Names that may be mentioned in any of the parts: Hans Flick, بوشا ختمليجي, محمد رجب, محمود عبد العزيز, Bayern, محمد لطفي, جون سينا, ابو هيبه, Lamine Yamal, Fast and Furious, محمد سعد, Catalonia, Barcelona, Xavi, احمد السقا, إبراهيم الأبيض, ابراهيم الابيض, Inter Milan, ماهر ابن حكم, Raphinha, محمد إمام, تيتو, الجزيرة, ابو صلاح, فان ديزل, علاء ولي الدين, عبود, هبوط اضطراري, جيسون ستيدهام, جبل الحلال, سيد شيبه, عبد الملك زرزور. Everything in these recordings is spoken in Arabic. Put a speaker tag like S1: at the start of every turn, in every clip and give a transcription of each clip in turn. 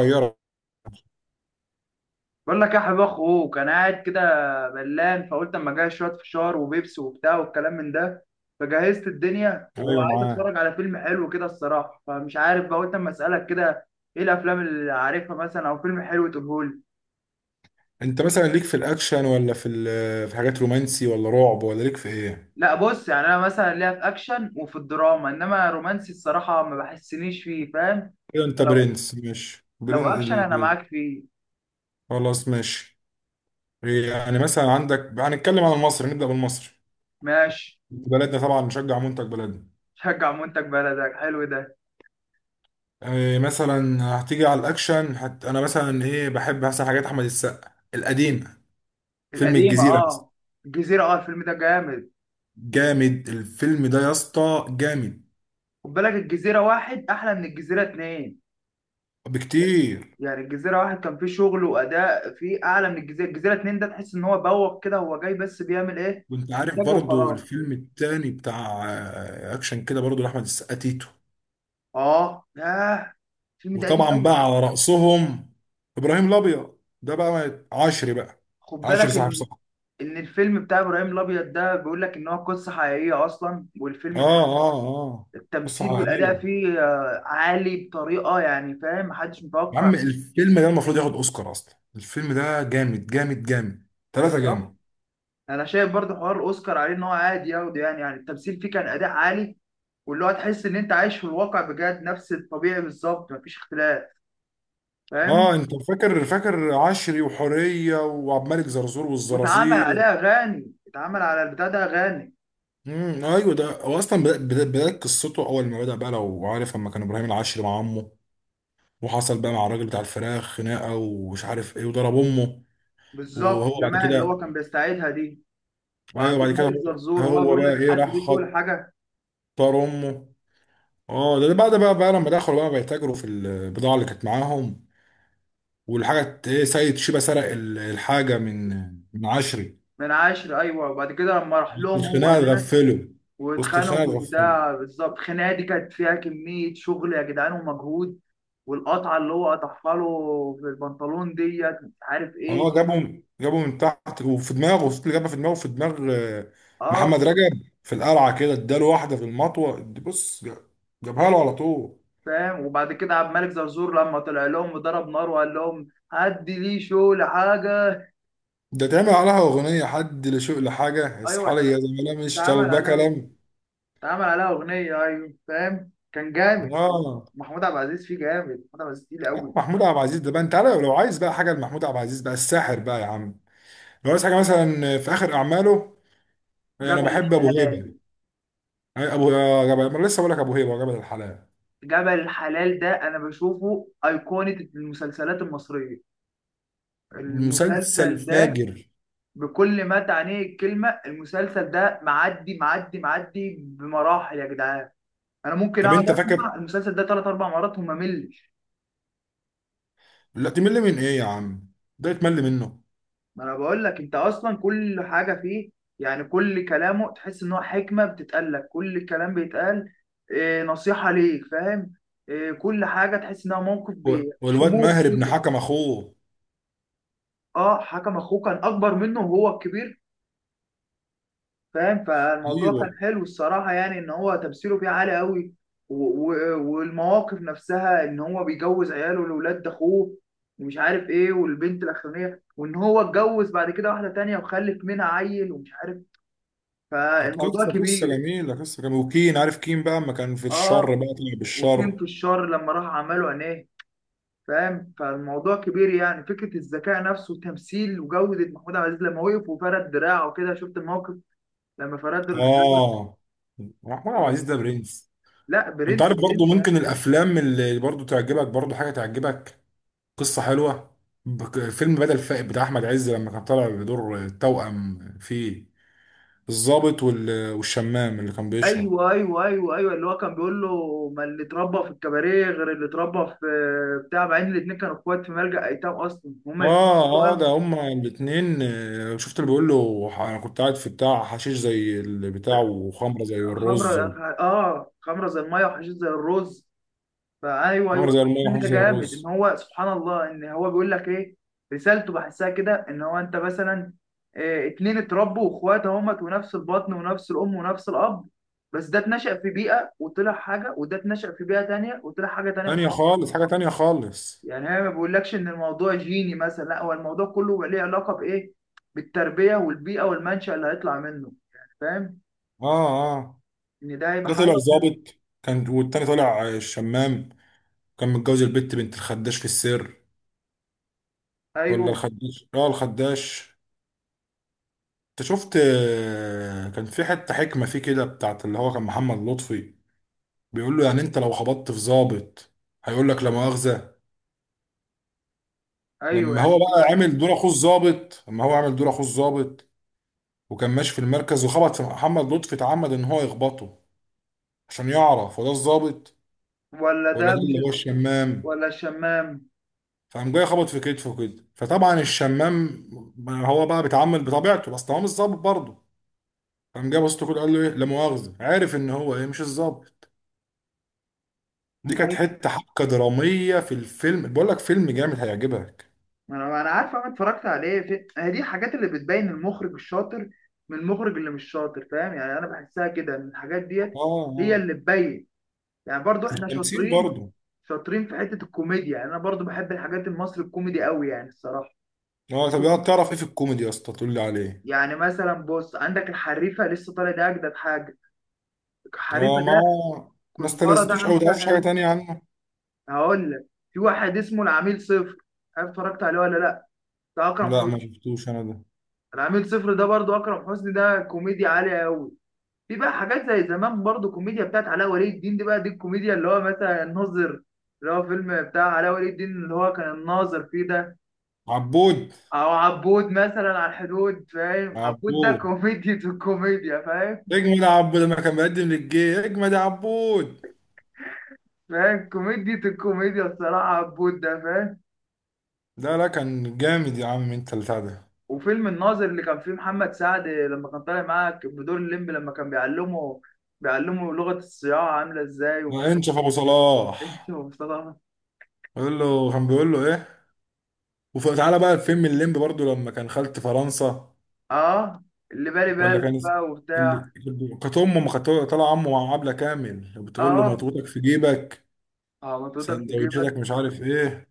S1: صغيرة.
S2: بقول لك يا حبيب اخوك، انا قاعد كده ملان، فقلت اما اجهز شويه فشار وبيبسي وبتاع والكلام من ده. فجهزت الدنيا
S1: ايوه
S2: وعايز
S1: معاه.
S2: اتفرج على فيلم حلو كده الصراحه، فمش عارف بقى، قلت اما اسالك كده ايه الافلام اللي عارفها مثلا، او فيلم حلو تقولهولي.
S1: انت مثلا ليك في الاكشن ولا في حاجات رومانسي ولا رعب ولا ليك في ايه؟
S2: لا بص، يعني انا مثلا ليا في اكشن وفي الدراما، انما رومانسي الصراحه ما بحسنيش فيه، فاهم؟
S1: ايوه، انت
S2: فلو
S1: برنس. ماشي،
S2: لو
S1: برنس
S2: اكشن انا معاك فيه.
S1: خلاص ماشي. يعني مثلا عندك، هنتكلم عن المصري، نبدأ بالمصري
S2: ماشي.
S1: بلدنا، طبعا نشجع منتج بلدنا.
S2: شجع منتج بلدك، حلو ده.
S1: إيه مثلا؟ هتيجي على الاكشن انا مثلا ايه بحب مثلا حاجات احمد السقا القديمة. فيلم
S2: القديمه،
S1: الجزيرة مثلا.
S2: اه. الجزيره، اه، الفيلم ده جامد.
S1: جامد الفيلم ده يا اسطى، جامد
S2: خد بالك، الجزيرة واحد أحلى من الجزيرة اتنين.
S1: بكتير.
S2: يعني الجزيرة واحد كان فيه شغل وأداء فيه أعلى من الجزيرة، الجزيرة اتنين ده تحس إن هو بوق كده، هو جاي بس بيعمل إيه؟
S1: وانت عارف
S2: إنتاج
S1: برضو
S2: وخلاص.
S1: الفيلم التاني بتاع اكشن كده برضو، لاحمد السقا، تيتو.
S2: آه ياه، الفيلم ده قديم
S1: وطبعا
S2: أوي.
S1: بقى على رأسهم ابراهيم الابيض، ده بقى عشري بقى،
S2: خد بالك
S1: عشري صاحب
S2: إن
S1: صاحب.
S2: إن الفيلم بتاع إبراهيم الأبيض ده بيقول لك إن هو قصة حقيقية أصلا، والفيلم ده
S1: اه اه اه.
S2: التمثيل
S1: قصة
S2: والأداء
S1: حقيقية.
S2: فيه عالي بطريقة، يعني فاهم، محدش
S1: يا
S2: متوقع.
S1: عم الفيلم ده المفروض ياخد اوسكار اصلا، الفيلم ده جامد جامد جامد. ثلاثة
S2: بصراحة
S1: جامد.
S2: أنا شايف برضه حوار الأوسكار عليه، إن هو عادي ياخده، يعني يعني التمثيل فيه كان أداء عالي، واللي هو تحس ان انت عايش في الواقع بجد، نفس الطبيعي بالظبط، مفيش اختلاف،
S1: اه
S2: فاهم؟
S1: انت فاكر عشري وحورية وعبد الملك زرزور
S2: واتعمل عليه
S1: والزرازير.
S2: اغاني، اتعمل على البتاع ده اغاني.
S1: ايوه، ده هو اصلا بدايه قصته. اول ما بدا بقى، لو عارف، لما كان ابراهيم العشري مع عمه، وحصل بقى مع الراجل بتاع الفراخ خناقه ومش عارف ايه وضرب امه.
S2: بالظبط،
S1: وهو بعد
S2: زمان اللي هو
S1: كده.
S2: كان بيستعيدها دي.
S1: ايوه
S2: وعبد
S1: بعد كده.
S2: الملك
S1: هو,
S2: زرزور، وهو
S1: هو
S2: بيقول
S1: بقى
S2: لك
S1: ايه،
S2: حد
S1: راح
S2: ليه
S1: خطر
S2: شغل حاجه.
S1: امه. اه ده بعد بقى لما دخلوا بقى بيتاجروا في البضاعه اللي كانت معاهم، والحاجه ايه، سيد شيبه سرق الحاجه من عشري.
S2: من عشر، ايوه. وبعد كده لما راح
S1: وسط
S2: لهم هو
S1: الخناقه
S2: هناك
S1: اتغفلوا وسط
S2: واتخانقوا
S1: الخناقه
S2: في
S1: اتغفلوا.
S2: البتاع بالظبط، الخناقه دي كانت فيها كميه شغل يا جدعان، ومجهود. والقطعه اللي هو قطعها له في البنطلون ديت، مش عارف ايه.
S1: اه جابهم من تحت وفي دماغه، وسط اللي جابها في دماغه، في دماغ آه،
S2: اه.
S1: محمد رجب في القلعه كده اداله واحده في المطوه. بص جابها له على طول.
S2: فاهم. وبعد كده عبد الملك زرزور لما طلع لهم وضرب نار وقال لهم هدي لي شو لحاجه.
S1: ده تعمل عليها اغنيه، حد لشوق لحاجه،
S2: ايوه
S1: اصحى لي
S2: ده،
S1: يا زميلة مش
S2: اتعمل
S1: طالبه
S2: عليها
S1: كلام.
S2: اتعمل عليها اغنيه، ايوه. فاهم، كان جامد الصراحه.
S1: اه.
S2: محمود عبد العزيز فيه جامد، محمود عبد العزيز تقيل
S1: يا
S2: قوي.
S1: محمود عبد العزيز، ده بقى انت عارف، لو عايز بقى حاجه لمحمود عبد العزيز بقى الساحر بقى يا عم، لو عايز حاجه مثلا في اخر اعماله، انا
S2: جبل
S1: بحب ابو هيبه.
S2: الحلال.
S1: أي- ابو آه، جبل. ما أنا لسه بقول لك ابو هيبه وجبل الحلال.
S2: جبل الحلال ده انا بشوفه ايقونه المسلسلات المصريه،
S1: مسلسل
S2: المسلسل ده،
S1: فاجر.
S2: بكل ما تعنيه الكلمه. المسلسل ده معدي معدي معدي بمراحل يا جدعان. انا ممكن
S1: طب
S2: اقعد
S1: انت فاكر؟
S2: اسمع المسلسل ده ثلاث اربع مرات وما ملش.
S1: لا تمل من ايه يا عم؟ ده يتمل منه؟
S2: ما انا بقول لك، انت اصلا كل حاجه فيه، يعني كل كلامه تحس ان هو حكمه بتتقال لك، كل كلام بيتقال إيه نصيحه ليك، فاهم؟ إيه، كل حاجه تحس انها موقف
S1: والواد
S2: شموخ
S1: ماهر ابن
S2: كده.
S1: حكم اخوه.
S2: اه، حكم اخوه كان اكبر منه، وهو الكبير، فاهم؟ فالموضوع
S1: ايوه،
S2: كان حلو الصراحه، يعني ان هو تمثيله فيه عالي قوي. والمواقف نفسها، ان هو بيجوز عياله لاولاد اخوه، ومش عارف ايه، والبنت الاخرانيه، وان هو اتجوز بعد كده واحده تانية وخلف منها عيل ومش عارف،
S1: كانت
S2: فالموضوع كبير.
S1: قصه جميله. وكين عارف كين بقى اما كان في الشر
S2: اه.
S1: بقى طلع
S2: وكريم في
S1: بالشر.
S2: الشر لما راح عمله عينيه، فاهم؟ فالموضوع كبير، يعني فكره الذكاء نفسه وتمثيل وجوده، محمود عبد العزيز لما وقف وفرد دراعه وكده، شفت الموقف لما فرد دراعه.
S1: اه. محمود عبد العزيز ده برنس.
S2: لا،
S1: انت
S2: برنس
S1: عارف برضو
S2: برنس يعني.
S1: ممكن الافلام اللي برضو تعجبك، برضو حاجه تعجبك، قصه حلوه. فيلم بدل فائد بتاع احمد عز لما كان طالع بدور توأم في الضابط والشمام اللي كان بيشرب.
S2: ايوه ايوه ايوه ايوه، اللي هو كان بيقول له ما اللي اتربى في الكباريه غير اللي اتربى في بتاع، مع ان الاثنين كانوا اخوات في ملجأ ايتام اصلا، هما الاثنين
S1: اه اه، ده
S2: توأم.
S1: هما الاتنين. شفت اللي بيقول له، انا كنت قاعد في بتاع حشيش زي البتاع وخمره زي
S2: خمره.
S1: الرز،
S2: اه، خمره زي الميه وحشيش زي الرز. فايوه
S1: خمره
S2: ايوه،
S1: زي الميه
S2: الفيلم
S1: وحشيش
S2: ده
S1: زي الرز.
S2: جامد، ان هو سبحان الله، ان هو بيقول لك ايه، رسالته بحسها كده، ان هو انت مثلا إيه، اتنين اتربوا واخوات، اهمت ونفس البطن ونفس الام ونفس الاب، بس ده اتنشأ في بيئه وطلع حاجه، وده اتنشأ في بيئه تانية وطلع حاجه تانية
S1: تانية
S2: خالص.
S1: خالص، حاجه تانية خالص.
S2: يعني هي ما بيقولكش ان الموضوع جيني مثلا، لا، هو الموضوع كله ليه علاقه بايه، بالتربيه والبيئه والمنشأ اللي هيطلع منه، يعني فاهم،
S1: اه اه.
S2: ان ده هيبقى
S1: ده طلع
S2: حاجه.
S1: ظابط، كان، والتاني طلع شمام. كان متجوز البت بنت الخداش في السر، ولا
S2: ايوه
S1: الخداش، الخداش. انت شفت كان في حتة حكمة فيه كده بتاعت اللي هو كان محمد لطفي. بيقول له يعني انت لو خبطت في ظابط، هيقول لك لا مؤاخذة.
S2: ايوه،
S1: لما هو
S2: يعني إيه
S1: بقى
S2: بقى؟
S1: عامل دور اخوه الظابط، لما هو عامل دور اخوه الظابط وكان ماشي في المركز وخبط في محمد لطفي، اتعمد ان هو يخبطه عشان يعرف هو ده الظابط
S2: ولا ده
S1: ولا ده
S2: مش،
S1: اللي هو الشمام.
S2: ولا الشمام.
S1: فقام جاي خبط في كتفه كده، فطبعا الشمام هو بقى بيتعامل بطبيعته بس هو مش ظابط برضه. فقام جاي بص له كده قال له ايه، لا مؤاخذه. عارف ان هو ايه، مش الظابط. دي كانت حته حبكه دراميه في الفيلم. بقول لك فيلم جامد هيعجبك.
S2: ما انا عارف، انا اتفرجت عليه في هي دي الحاجات اللي بتبين المخرج الشاطر من المخرج اللي مش شاطر، فاهم؟ يعني انا بحسها كده، ان الحاجات
S1: اه
S2: ديت هي
S1: اه.
S2: اللي تبين. يعني برضو احنا
S1: والتمثيل
S2: شاطرين،
S1: برضه.
S2: شاطرين في حتة الكوميديا، يعني انا برضو بحب الحاجات المصري الكوميدي قوي يعني الصراحة.
S1: اه، طب يا تعرف ايه في الكوميدي يا اسطى؟ تقول لي عليه.
S2: يعني مثلا بص، عندك الحريفة لسه طالع، ده اجدد حاجة،
S1: اه
S2: الحريفة
S1: ما
S2: ده،
S1: هو، ما
S2: كزبرة ده
S1: استلذتوش او
S2: عامل فيها
S1: تعرفش حاجه
S2: حلو.
S1: تانية عنه؟
S2: هقول لك، في واحد اسمه العميل صفر، عارف؟ اتفرجت عليه ولا لا؟ ده اكرم
S1: لا ما
S2: حسني.
S1: شفتوش انا ده.
S2: العميل صفر ده برضو اكرم حسني، ده كوميديا عالية قوي. في بقى حاجات زي زمان برضو، كوميديا بتاعت علاء ولي الدين، دي بقى دي الكوميديا، اللي هو مثلا الناظر، اللي هو فيلم بتاع علاء ولي الدين اللي هو كان الناظر فيه ده.
S1: عبود.
S2: او عبود مثلا، على الحدود، فاهم؟ عبود ده
S1: عبود
S2: كوميديا الكوميديا، فاهم؟
S1: اجمد يا عبود، لما كان بيقدم للجي اجمد يا عبود.
S2: فاهم، كوميديا الكوميديا الصراحة عبود ده، فاهم؟
S1: لا لا، كان جامد يا عم، انت البتاع ده.
S2: وفيلم الناظر اللي كان فيه محمد سعد لما كان طالع معاه بدور الليمبي، لما كان بيعلمه لغة الصياعة عاملة ازاي، ومش عارف
S1: وانشف ابو صلاح.
S2: ايه. ومصطفى.
S1: بيقول له، كان بيقول له ايه؟ وتعالى بقى الفيلم الليمبي برضو، لما كان خالة فرنسا
S2: اه، اللي بالي
S1: ولا
S2: بالك
S1: كان
S2: بقى وبتاع.
S1: اللي كانت امه، ما كانت طالع عمه مع عبلة كامل بتقول له
S2: اه
S1: مضغوطك في جيبك،
S2: اه، منطقتك في
S1: سندوتشاتك
S2: جيبك.
S1: مش عارف ايه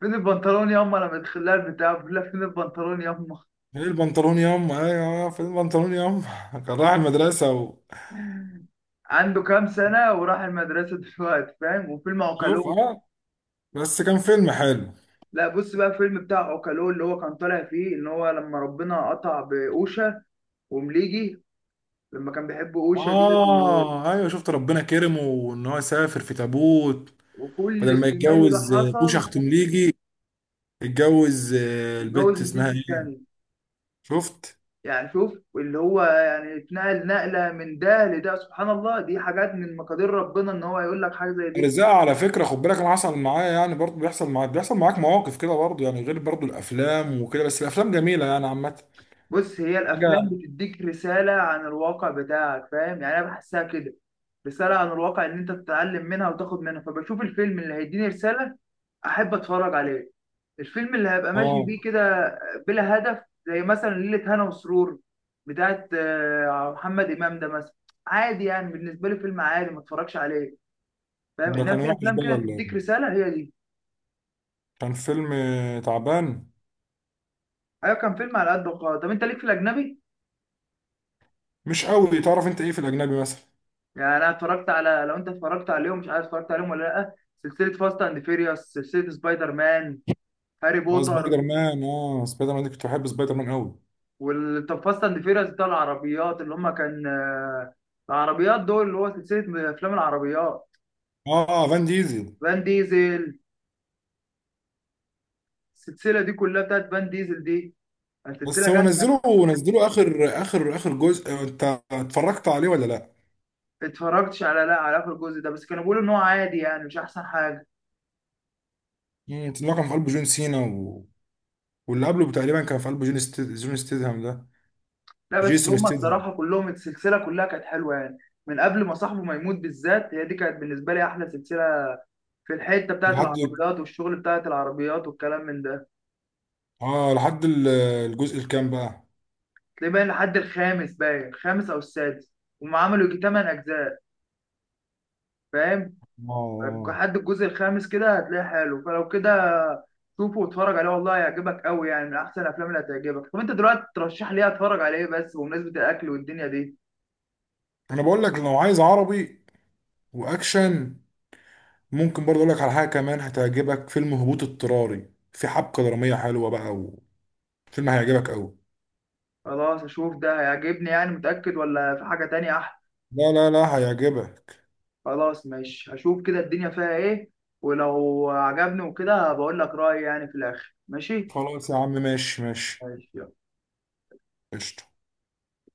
S2: فين البنطلون ياما، لما تخليها البتاع بقول لها فين البنطلون ياما.
S1: ايه البنطلون ياما، ايوه، فين البنطلون ياما. كان رايح المدرسة
S2: عنده كام سنة وراح المدرسة دلوقتي، فاهم؟ وفيلم
S1: شوف،
S2: عوكلو.
S1: اه، بس كان فيلم حلو.
S2: لا بص بقى، فيلم بتاع عوكلو اللي هو كان طالع فيه ان هو لما ربنا قطع بأوشا ومليجي، لما كان بيحب أوشا دي، و...
S1: اه ايوه شفت، ربنا كرمه وان هو سافر في تابوت،
S2: وكل
S1: بدل ما
S2: السيناريو ده
S1: يتجوز بوشا
S2: حصل.
S1: ختمليجي، اتجوز
S2: واتجوز
S1: البت اسمها
S2: البنت
S1: ايه.
S2: التانية.
S1: شفت
S2: يعني شوف اللي هو يعني اتنقل نقلة من ده لده، سبحان الله، دي حاجات من مقادير ربنا ان هو يقول لك حاجة زي دي.
S1: الرزاق على فكره. خد بالك انا حصل معايا، يعني برضه بيحصل معاك، بيحصل معاك مواقف كده برضه، يعني غير برضه الافلام وكده، بس الافلام جميله يعني عامه.
S2: بص، هي الافلام
S1: حاجه.
S2: بتديك رساله عن الواقع بتاعك، فاهم؟ يعني انا بحسها كده، رساله عن الواقع ان انت تتعلم منها وتاخد منها، فبشوف الفيلم اللي هيديني رساله احب اتفرج عليه. الفيلم اللي هبقى ماشي بيه
S1: اه.
S2: كده بلا هدف، زي مثلا ليلة هنا وسرور بتاعت محمد إمام ده مثلا، عادي يعني بالنسبة لي، فيلم عادي ما اتفرجش عليه، فاهم؟
S1: ده
S2: إنما
S1: كان
S2: في
S1: وحش
S2: أفلام
S1: بقى
S2: كده
S1: ولا
S2: تديك
S1: إيه؟
S2: رسالة، هي دي.
S1: كان فيلم تعبان.
S2: أيوة كان فيلم على قد، وقال طب أنت ليك في الأجنبي؟
S1: مش قوي. تعرف انت ايه في الاجنبي مثلا؟
S2: يعني انا اتفرجت على، لو انت اتفرجت عليهم مش عارف، اتفرجت عليهم ولا لا؟ سلسله فاست اند فيريوس، سلسله سبايدر مان، هاري
S1: اه
S2: بوتر.
S1: سبايدر مان. اه سبايدر مان دي، كنت بحب سبايدر مان قوي.
S2: وال، طب فاست اند فيريوس بتاع العربيات اللي هم كان العربيات دول، اللي هو سلسله افلام العربيات.
S1: اه فان ديزل.
S2: فان ديزل. السلسله دي كلها بتاعت فان ديزل دي، سلسله
S1: بس هو
S2: جامده.
S1: نزله، اخر اخر اخر جزء، انت اتفرجت عليه ولا لا؟
S2: اتفرجتش على، لا، على اخر الجزء ده، بس كانوا بيقولوا ان هو عادي، يعني مش احسن حاجه.
S1: اللي هو كان في قلبه جون سينا واللي قبله تقريبا كان في قلبه جون ستيدهام ده.
S2: لا، بس
S1: جيسون
S2: هم
S1: ستيدهام.
S2: الصراحه كلهم السلسله كلها كانت حلوه، يعني من قبل ما صاحبه ما يموت بالذات، هي دي كانت بالنسبه لي احلى سلسله في الحته بتاعت
S1: لحد
S2: العربيات والشغل بتاعت العربيات والكلام من ده.
S1: اه لحد ال- الجزء الكام بقى؟
S2: تلاقيه باين لحد الخامس، باين الخامس او السادس. هم عملوا يجي تمن اجزاء، فاهم؟
S1: اه. آه.
S2: لحد الجزء الخامس كده هتلاقيه حلو، فلو كده شوفه واتفرج عليه، والله هيعجبك قوي، يعني من احسن الافلام اللي هتعجبك. طب انت دلوقتي ترشح لي إيه؟ اتفرج على ايه بس، بمناسبه الاكل والدنيا دي؟
S1: انا بقول لك، لو عايز عربي واكشن، ممكن برضه اقول لك على حاجه كمان هتعجبك، فيلم هبوط اضطراري، في حبكه دراميه حلوه بقى، وفيلم هيعجبك قوي.
S2: خلاص اشوف ده، هيعجبني يعني، متاكد؟ ولا في حاجه تانية احلى؟
S1: لا لا لا، هيعجبك.
S2: خلاص ماشي، هشوف كده الدنيا فيها ايه، ولو عجبني وكده بقول لك رايي يعني في الاخر. ماشي
S1: خلاص يا عم، ماشي ماشي.
S2: ماشي يلا.
S1: قشطة.